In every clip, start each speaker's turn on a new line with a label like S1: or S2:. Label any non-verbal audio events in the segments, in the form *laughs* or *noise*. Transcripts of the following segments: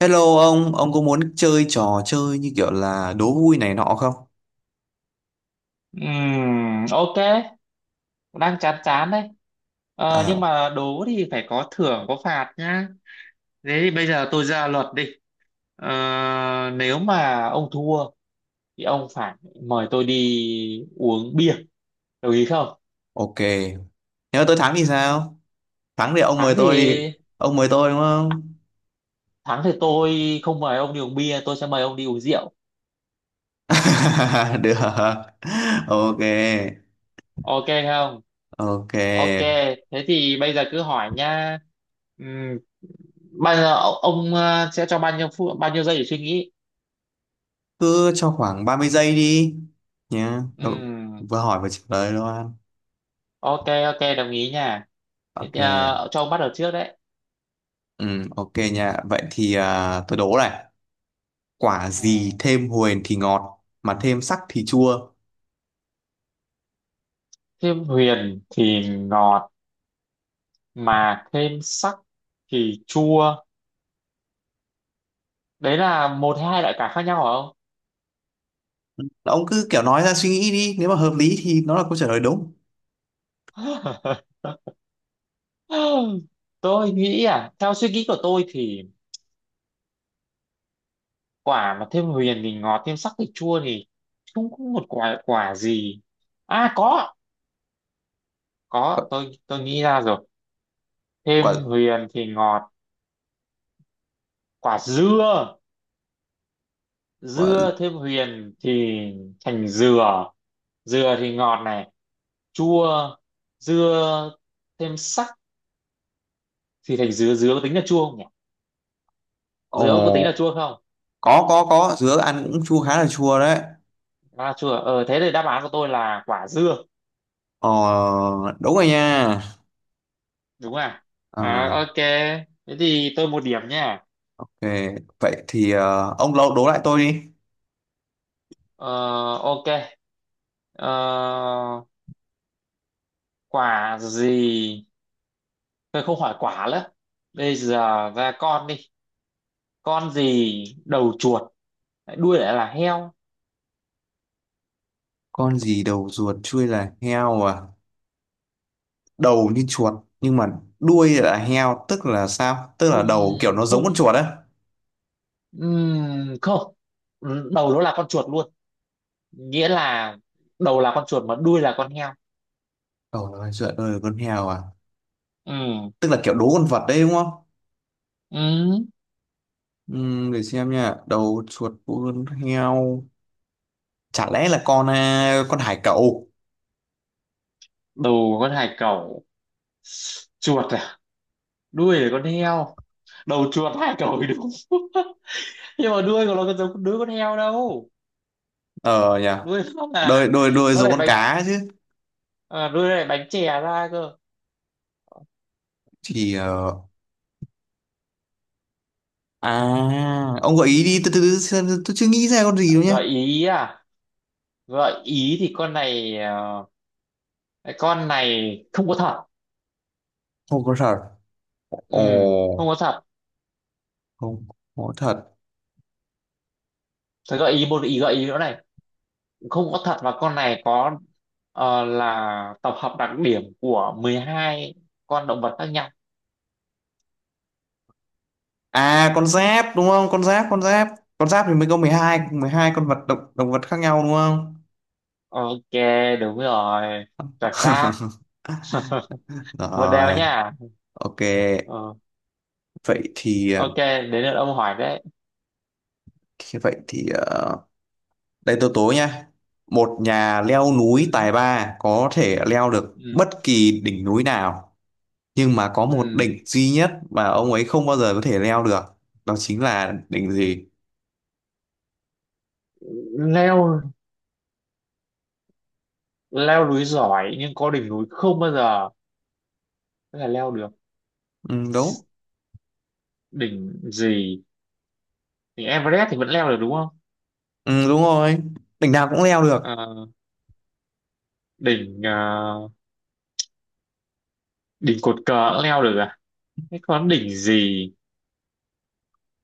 S1: Hello ông có muốn chơi trò chơi như kiểu là đố vui này nọ không?
S2: Ok, đang chán chán đấy. Nhưng
S1: À,
S2: mà đố thì phải có thưởng có phạt nhá. Thế thì bây giờ tôi ra luật đi. Ờ, Nếu mà ông thua thì ông phải mời tôi đi uống bia. Đồng ý không?
S1: ok. Nếu tôi thắng thì sao? Thắng thì ông
S2: Thắng
S1: mời
S2: thì
S1: tôi đi. Ông mời tôi đúng không?
S2: thắng thì tôi không mời ông đi uống bia, tôi sẽ mời ông đi uống rượu.
S1: *laughs* Được. Ok.
S2: Ok không?
S1: Ok.
S2: Ok, thế thì bây giờ cứ hỏi nha. Ừm, bao giờ ông sẽ cho bao nhiêu phút, bao nhiêu giây để suy nghĩ?
S1: Cứ cho khoảng 30 giây đi. Nhá. Ờ,
S2: Ừm.
S1: Vừa hỏi vừa trả lời luôn.
S2: Ok, ok, đồng ý nha. Thế
S1: Ok.
S2: thì, cho ông bắt đầu trước đấy.
S1: Ừ, ok nha. Vậy thì à, tôi đố này. Quả gì
S2: Ừ.
S1: thêm huyền thì ngọt, mà thêm sắc thì chua.
S2: Thêm huyền thì ngọt mà thêm sắc thì chua, đấy là một hay hai loại cả khác nhau hả
S1: Ông cứ kiểu nói ra suy nghĩ đi, nếu mà hợp lý thì nó là câu trả lời đúng.
S2: ông? *laughs* Tôi nghĩ à, theo suy nghĩ của tôi thì quả mà thêm huyền thì ngọt, thêm sắc thì chua thì không có một quả quả gì. À có
S1: quả
S2: có tôi nghĩ ra rồi.
S1: quả
S2: Thêm huyền thì ngọt. Quả dưa.
S1: quả.
S2: Dưa thêm huyền thì thành dừa, dừa thì ngọt này. Chua. Dưa thêm sắc thì thành dứa, dứa có tính là chua không nhỉ? Dứa có tính là
S1: Ồ,
S2: chua không?
S1: có, dứa ăn cũng chua, khá là chua đấy.
S2: À, chua. Ờ thế thì đáp án của tôi là quả dưa,
S1: ờ Đúng rồi nha.
S2: đúng không ạ? À
S1: Ờ,
S2: ok, thế thì tôi một điểm nha.
S1: ok, vậy thì ông lâu đố lại tôi đi.
S2: Ờ, ok. ờ, Quả gì, tôi không hỏi quả nữa, bây giờ ra con đi. Con gì đầu chuột lại đuôi lại là heo?
S1: Con gì đầu ruột chui là heo à? Đầu như chuột nhưng mà đuôi là heo, tức là sao? Tức là
S2: Không,
S1: đầu kiểu nó giống
S2: không,
S1: con chuột á?
S2: không, đầu nó là con chuột luôn, nghĩa là đầu là con chuột mà đuôi là con heo.
S1: Đầu là chuột đuôi là con heo à?
S2: Ừm.
S1: Tức là kiểu đố con vật đấy đúng không?
S2: Ừm.
S1: Để xem nha, đầu chuột đuôi con heo. Chả lẽ là con à, con hải cẩu?
S2: Đầu con hải cẩu, chuột à, đuôi là con heo. Đầu chuột hải cẩu thì đúng, *laughs* nhưng mà đuôi của nó có giống đuôi con heo đâu.
S1: Ờ nhỉ.
S2: Đuôi nó
S1: đôi
S2: là,
S1: đôi đôi
S2: nó
S1: giống
S2: lại
S1: con
S2: bánh,
S1: cá chứ.
S2: à, đuôi nó lại bánh chè ra cơ.
S1: Thì ông gợi ý đi, từ từ từ xem, tôi chưa nghĩ ra con gì đâu nhé.
S2: Gợi ý à, gợi ý thì con này cái con này không có thật.
S1: Không có thật. Ồ.
S2: Không có thật.
S1: Không có thật
S2: Thế gợi ý một ý, gợi ý nữa này, không có thật và con này có, là tập hợp đặc điểm của 12 con động vật khác nhau.
S1: à? Con giáp đúng không? Con giáp. Con giáp thì mới có mười hai con vật, động động vật khác nhau đúng không?
S2: Ok, đúng rồi, chuẩn xác.
S1: *laughs*
S2: *laughs* Một đều
S1: Rồi.
S2: nha.
S1: Ok.
S2: Ờ,
S1: vậy thì à,
S2: ok, đến lượt ông hỏi đấy.
S1: thế vậy thì à, đây tôi tố nha. Một nhà leo núi
S2: Ừ,
S1: tài ba có thể leo được
S2: ừ,
S1: bất kỳ đỉnh núi nào, nhưng mà có một
S2: ừ.
S1: đỉnh duy nhất mà ông ấy không bao giờ có thể leo được. Đó chính là đỉnh gì?
S2: leo leo núi giỏi nhưng có đỉnh núi không bao giờ có thể leo được,
S1: Ừ, đúng.
S2: đỉnh gì? Đỉnh Everest thì vẫn leo được đúng không?
S1: Ừ, đúng rồi. Đỉnh nào cũng leo được.
S2: Ờ, đỉnh đỉnh cột cờ cũng leo được à? Thế còn đỉnh gì?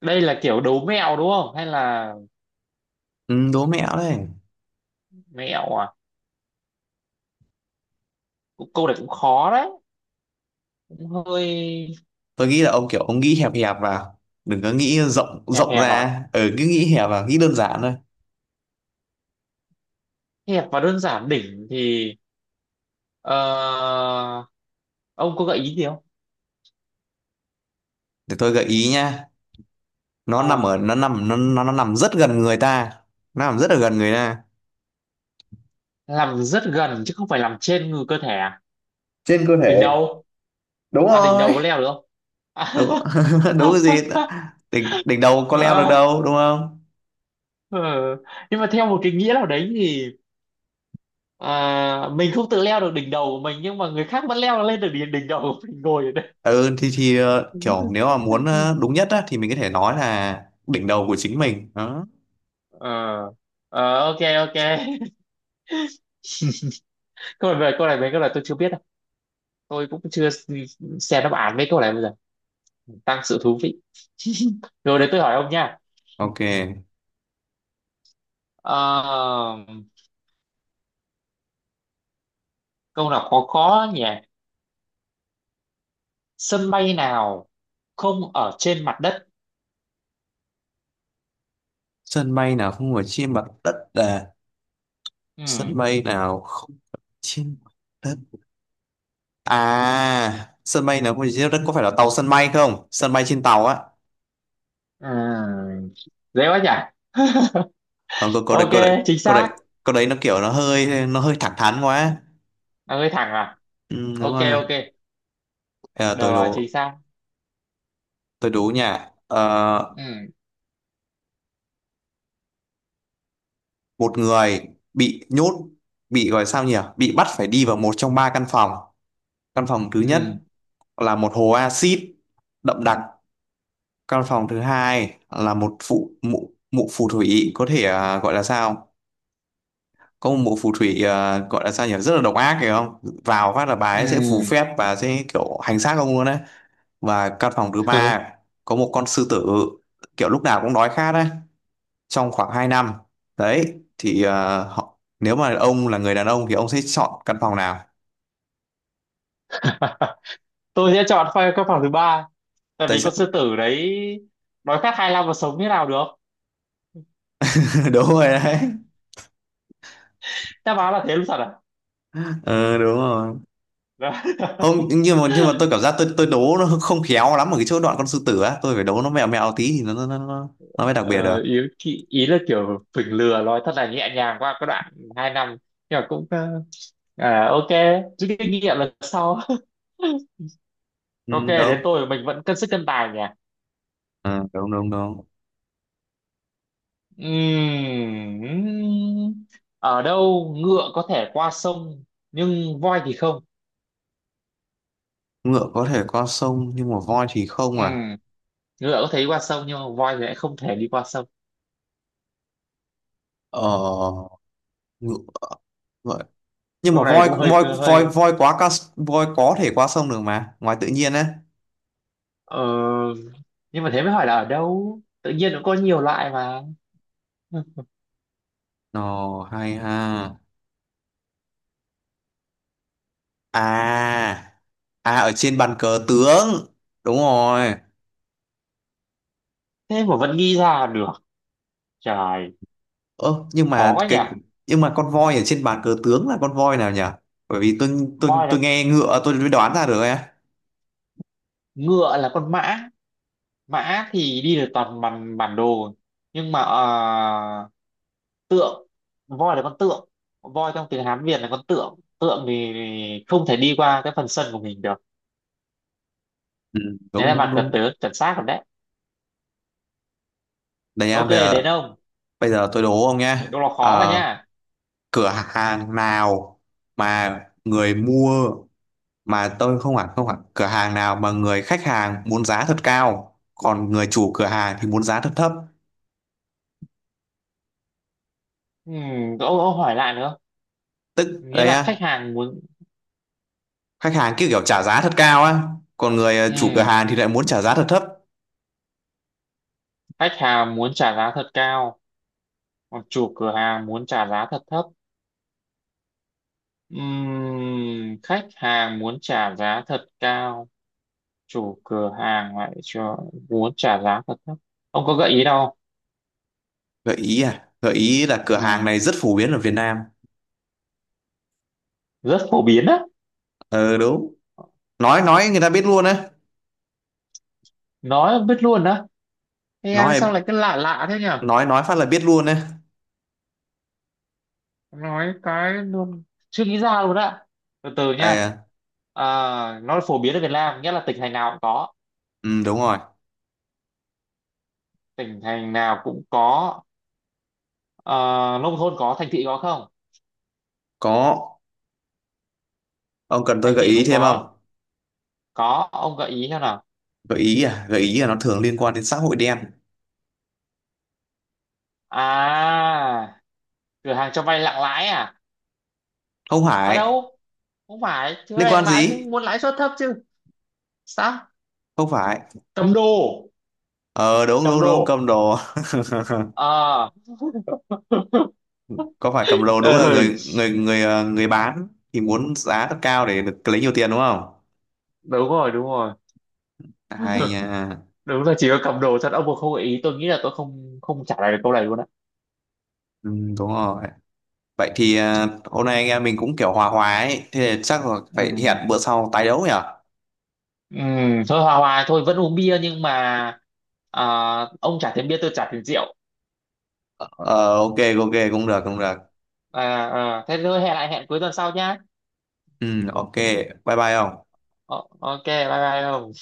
S2: Đây là kiểu đố mẹo đúng không hay là,
S1: Ừ, đố mẹo đấy.
S2: mẹo à? Cũng câu này cũng khó đấy, cũng hơi.
S1: Tôi nghĩ là ông kiểu nghĩ hẹp hẹp vào. Đừng có nghĩ rộng
S2: Hẹp
S1: rộng
S2: hẹp à,
S1: ra. Ừ, cứ nghĩ hẹp vào, nghĩ đơn giản thôi.
S2: hẹp và đơn giản. Đỉnh thì, ờ, ông có gợi ý gì không?
S1: Để tôi gợi ý nha.
S2: Ờ,
S1: Nó nằm rất gần người ta. Nó nằm rất là gần người ta.
S2: làm rất gần chứ không phải làm trên người cơ thể à?
S1: Trên cơ
S2: Đỉnh
S1: thể.
S2: đầu.
S1: Đúng
S2: À, đỉnh
S1: rồi.
S2: đầu có leo được không?
S1: Đúng. *laughs* Đúng cái gì?
S2: *laughs*
S1: Đỉnh đỉnh đầu có leo được
S2: Ờ,
S1: đâu đúng không?
S2: ờ. Nhưng mà theo một cái nghĩa nào đấy thì, à, mình không tự leo được đỉnh đầu của mình nhưng mà người khác vẫn leo lên được đỉnh đỉnh đầu của mình ngồi ở đây.
S1: Ừ, thì kiểu nếu mà muốn
S2: *laughs*
S1: đúng nhất á, thì mình có thể nói là đỉnh đầu của chính mình đó.
S2: Ờ, ờ, ok, ok. *laughs* Câu này về câu này, mấy câu này tôi chưa biết đâu, tôi cũng chưa xem đáp án mấy câu này, bây giờ tăng sự thú vị. *laughs* Rồi đấy, tôi hỏi ông nha.
S1: Ok.
S2: Ờ, câu nào khó khó nhỉ. Sân bay nào không ở trên mặt đất?
S1: Sân bay nào không phải trên mặt đất à? Sân
S2: Ừ.
S1: bay nào không trên mặt đất à? Sân bay nào không phải trên mặt đất? Có phải là tàu sân bay không, sân bay trên tàu á?
S2: Ừ. Dễ quá nhỉ. *laughs*
S1: Ờ, câu
S2: Ok,
S1: câu đấy
S2: chính
S1: câu đấy
S2: xác.
S1: nó hơi thẳng thắn quá.
S2: Là hơi thẳng à?
S1: Ừ, đúng
S2: Ok,
S1: rồi.
S2: ok,
S1: Bây
S2: được
S1: giờ tôi
S2: rồi, chính
S1: đố
S2: xác.
S1: tôi đố nha. Ờ,
S2: Ừ.
S1: Một người bị nhốt bị gọi sao nhỉ bị bắt phải đi vào một trong ba căn phòng. Căn phòng thứ nhất
S2: Ừ.
S1: là một hồ axit đậm đặc. Căn phòng thứ hai là một phụ mụ mụ phù thủy, có thể à, gọi là sao... Có một mụ phù thủy, à, gọi là sao nhỉ, rất là độc ác phải không? Vào phát là bà ấy sẽ phù phép và sẽ kiểu hành xác ông luôn đấy. Và căn phòng thứ
S2: Ừ.
S1: ba có một con sư tử kiểu lúc nào cũng đói khát đấy trong khoảng 2 năm. Đấy thì họ, nếu mà ông là người đàn ông thì ông sẽ chọn căn phòng nào?
S2: *laughs* Tôi sẽ chọn các phòng thứ ba, tại
S1: Tôi
S2: vì
S1: sẽ
S2: con sư tử đấy đói khát 25 mà sống như nào được.
S1: *laughs* Đúng rồi đấy.
S2: Đáp án là thế luôn thật à?
S1: Ừ, đúng rồi.
S2: Đó.
S1: Không, nhưng mà tôi cảm giác tôi đố nó không khéo lắm ở cái chỗ đoạn con sư tử á, tôi phải đố nó mẹo mẹo tí thì nó
S2: *laughs*
S1: mới đặc biệt được.
S2: Ờ, ý, ý ý là kiểu phỉnh lừa nói thật là nhẹ nhàng qua cái đoạn hai năm, nhưng mà cũng, à, ok, rút kinh nghiệm lần sau. *laughs*
S1: Ừ,
S2: Ok, đến
S1: đúng.
S2: tôi. Mình vẫn cân sức cân tài nhỉ.
S1: Ờ, đúng đúng đúng.
S2: Ừm, Ở đâu ngựa có thể qua sông nhưng voi thì không?
S1: Ngựa có thể qua sông nhưng mà voi thì không à?
S2: Ừm, Ngựa có thể đi qua sông nhưng mà voi thì lại không thể đi qua sông.
S1: Ờ ngựa Vậy. Nhưng mà
S2: Câu này
S1: voi
S2: cũng hơi
S1: voi voi
S2: hơi.
S1: voi quá ca. Voi có thể qua sông được mà ngoài tự nhiên á.
S2: ờ, nhưng mà thế mới hỏi là ở đâu, tự nhiên nó có nhiều loại mà.
S1: Ồ hay ha. À, ở trên bàn cờ tướng. Đúng rồi.
S2: Thế mà vẫn nghĩ ra được, trời,
S1: Ơ nhưng
S2: khó
S1: mà
S2: quá nhỉ.
S1: cái Nhưng mà con voi ở trên bàn cờ tướng là con voi nào nhỉ? Bởi vì tôi tôi
S2: Voi
S1: tôi
S2: là,
S1: nghe ngựa tôi mới đoán ra được ấy.
S2: ngựa là con mã, mã thì đi được toàn bản bản đồ, nhưng mà tượng, voi là con tượng, voi trong tiếng Hán Việt là con tượng, tượng thì không thể đi qua cái phần sân của mình được.
S1: Ừ,
S2: Đấy
S1: đúng
S2: là
S1: đúng
S2: bạn cật
S1: đúng.
S2: tớ chuẩn xác rồi đấy.
S1: Đây nha,
S2: Ok,
S1: bây giờ
S2: đến ông.
S1: bây giờ tôi đố ông nhé.
S2: Câu là khó mà
S1: Ờ,
S2: nha.
S1: Cửa hàng nào mà người mua, mà tôi không hẳn, cửa hàng nào mà người khách hàng muốn giá thật cao, còn người chủ cửa hàng thì muốn giá thật thấp.
S2: Ông hỏi lại nữa.
S1: Tức
S2: Nghĩa
S1: đây
S2: là khách
S1: á,
S2: hàng muốn.
S1: khách hàng cứ kiểu trả giá thật cao á, còn người chủ cửa
S2: Ừ,
S1: hàng thì lại muốn trả giá thật thấp.
S2: khách hàng muốn trả giá thật cao, còn chủ cửa hàng muốn trả giá thật thấp. Khách hàng muốn trả giá thật cao, chủ cửa hàng lại cho muốn trả giá thật thấp. Ông có gợi ý đâu? Không?
S1: Gợi ý à? Gợi ý là cửa hàng
S2: Ừm,
S1: này rất phổ biến ở Việt Nam.
S2: rất phổ biến á,
S1: Ờ Đúng. Nói người ta biết luôn á.
S2: nói biết luôn á. Thế em sao
S1: nói
S2: lại cứ lạ lạ thế nhỉ?
S1: nói nói phát là biết luôn á.
S2: Nói cái luôn, chưa nghĩ ra luôn á. Từ từ nha.
S1: À.
S2: À, nó phổ biến ở Việt Nam, nghĩa là tỉnh thành nào cũng có,
S1: Ừ, đúng rồi.
S2: tỉnh thành nào cũng có. Ờ, nông thôn có, thành thị có không?
S1: Có. Ông cần tôi
S2: Thành
S1: gợi
S2: thị
S1: ý
S2: cũng
S1: thêm không?
S2: có. Có, ông gợi ý xem nào.
S1: Gợi ý à? Gợi ý là nó thường liên quan đến xã hội đen.
S2: À, cửa hàng cho vay nặng lãi à?
S1: Không
S2: À
S1: phải.
S2: đâu, không phải chứ,
S1: Liên
S2: vay
S1: quan
S2: nặng lãi
S1: gì?
S2: cũng muốn lãi suất thấp chứ. Sao?
S1: Không phải.
S2: Cầm đồ.
S1: Ờ Đúng
S2: Cầm
S1: đúng đúng,
S2: đồ.
S1: cầm đồ.
S2: Ờ. *laughs*
S1: *laughs* Có phải cầm đồ, đúng là
S2: Ừ,
S1: người người người ờ, người bán thì muốn giá thật cao để được lấy nhiều tiền đúng không?
S2: đúng rồi, đúng rồi.
S1: Hay
S2: *laughs*
S1: nha.
S2: Đúng là chỉ có cầm đồ thật, ông mà không gợi ý tôi nghĩ là tôi không, không trả lời được câu này luôn á.
S1: Ừ, đúng rồi. Vậy thì à, hôm nay anh em mình cũng kiểu hòa hòa ấy, thế thì chắc là phải
S2: Ừ.
S1: hẹn bữa sau tái đấu nhỉ?
S2: Ừ, thôi hòa hòa thôi, vẫn uống bia nhưng mà, à, ông trả tiền bia tôi trả tiền rượu.
S1: Ờ, ok. Ok, cũng được cũng được.
S2: À, à, thế thôi hẹn lại, hẹn cuối tuần sau nhá.
S1: Ừ, ok. Bye bye ông.
S2: Ờ, ok, bye bye không.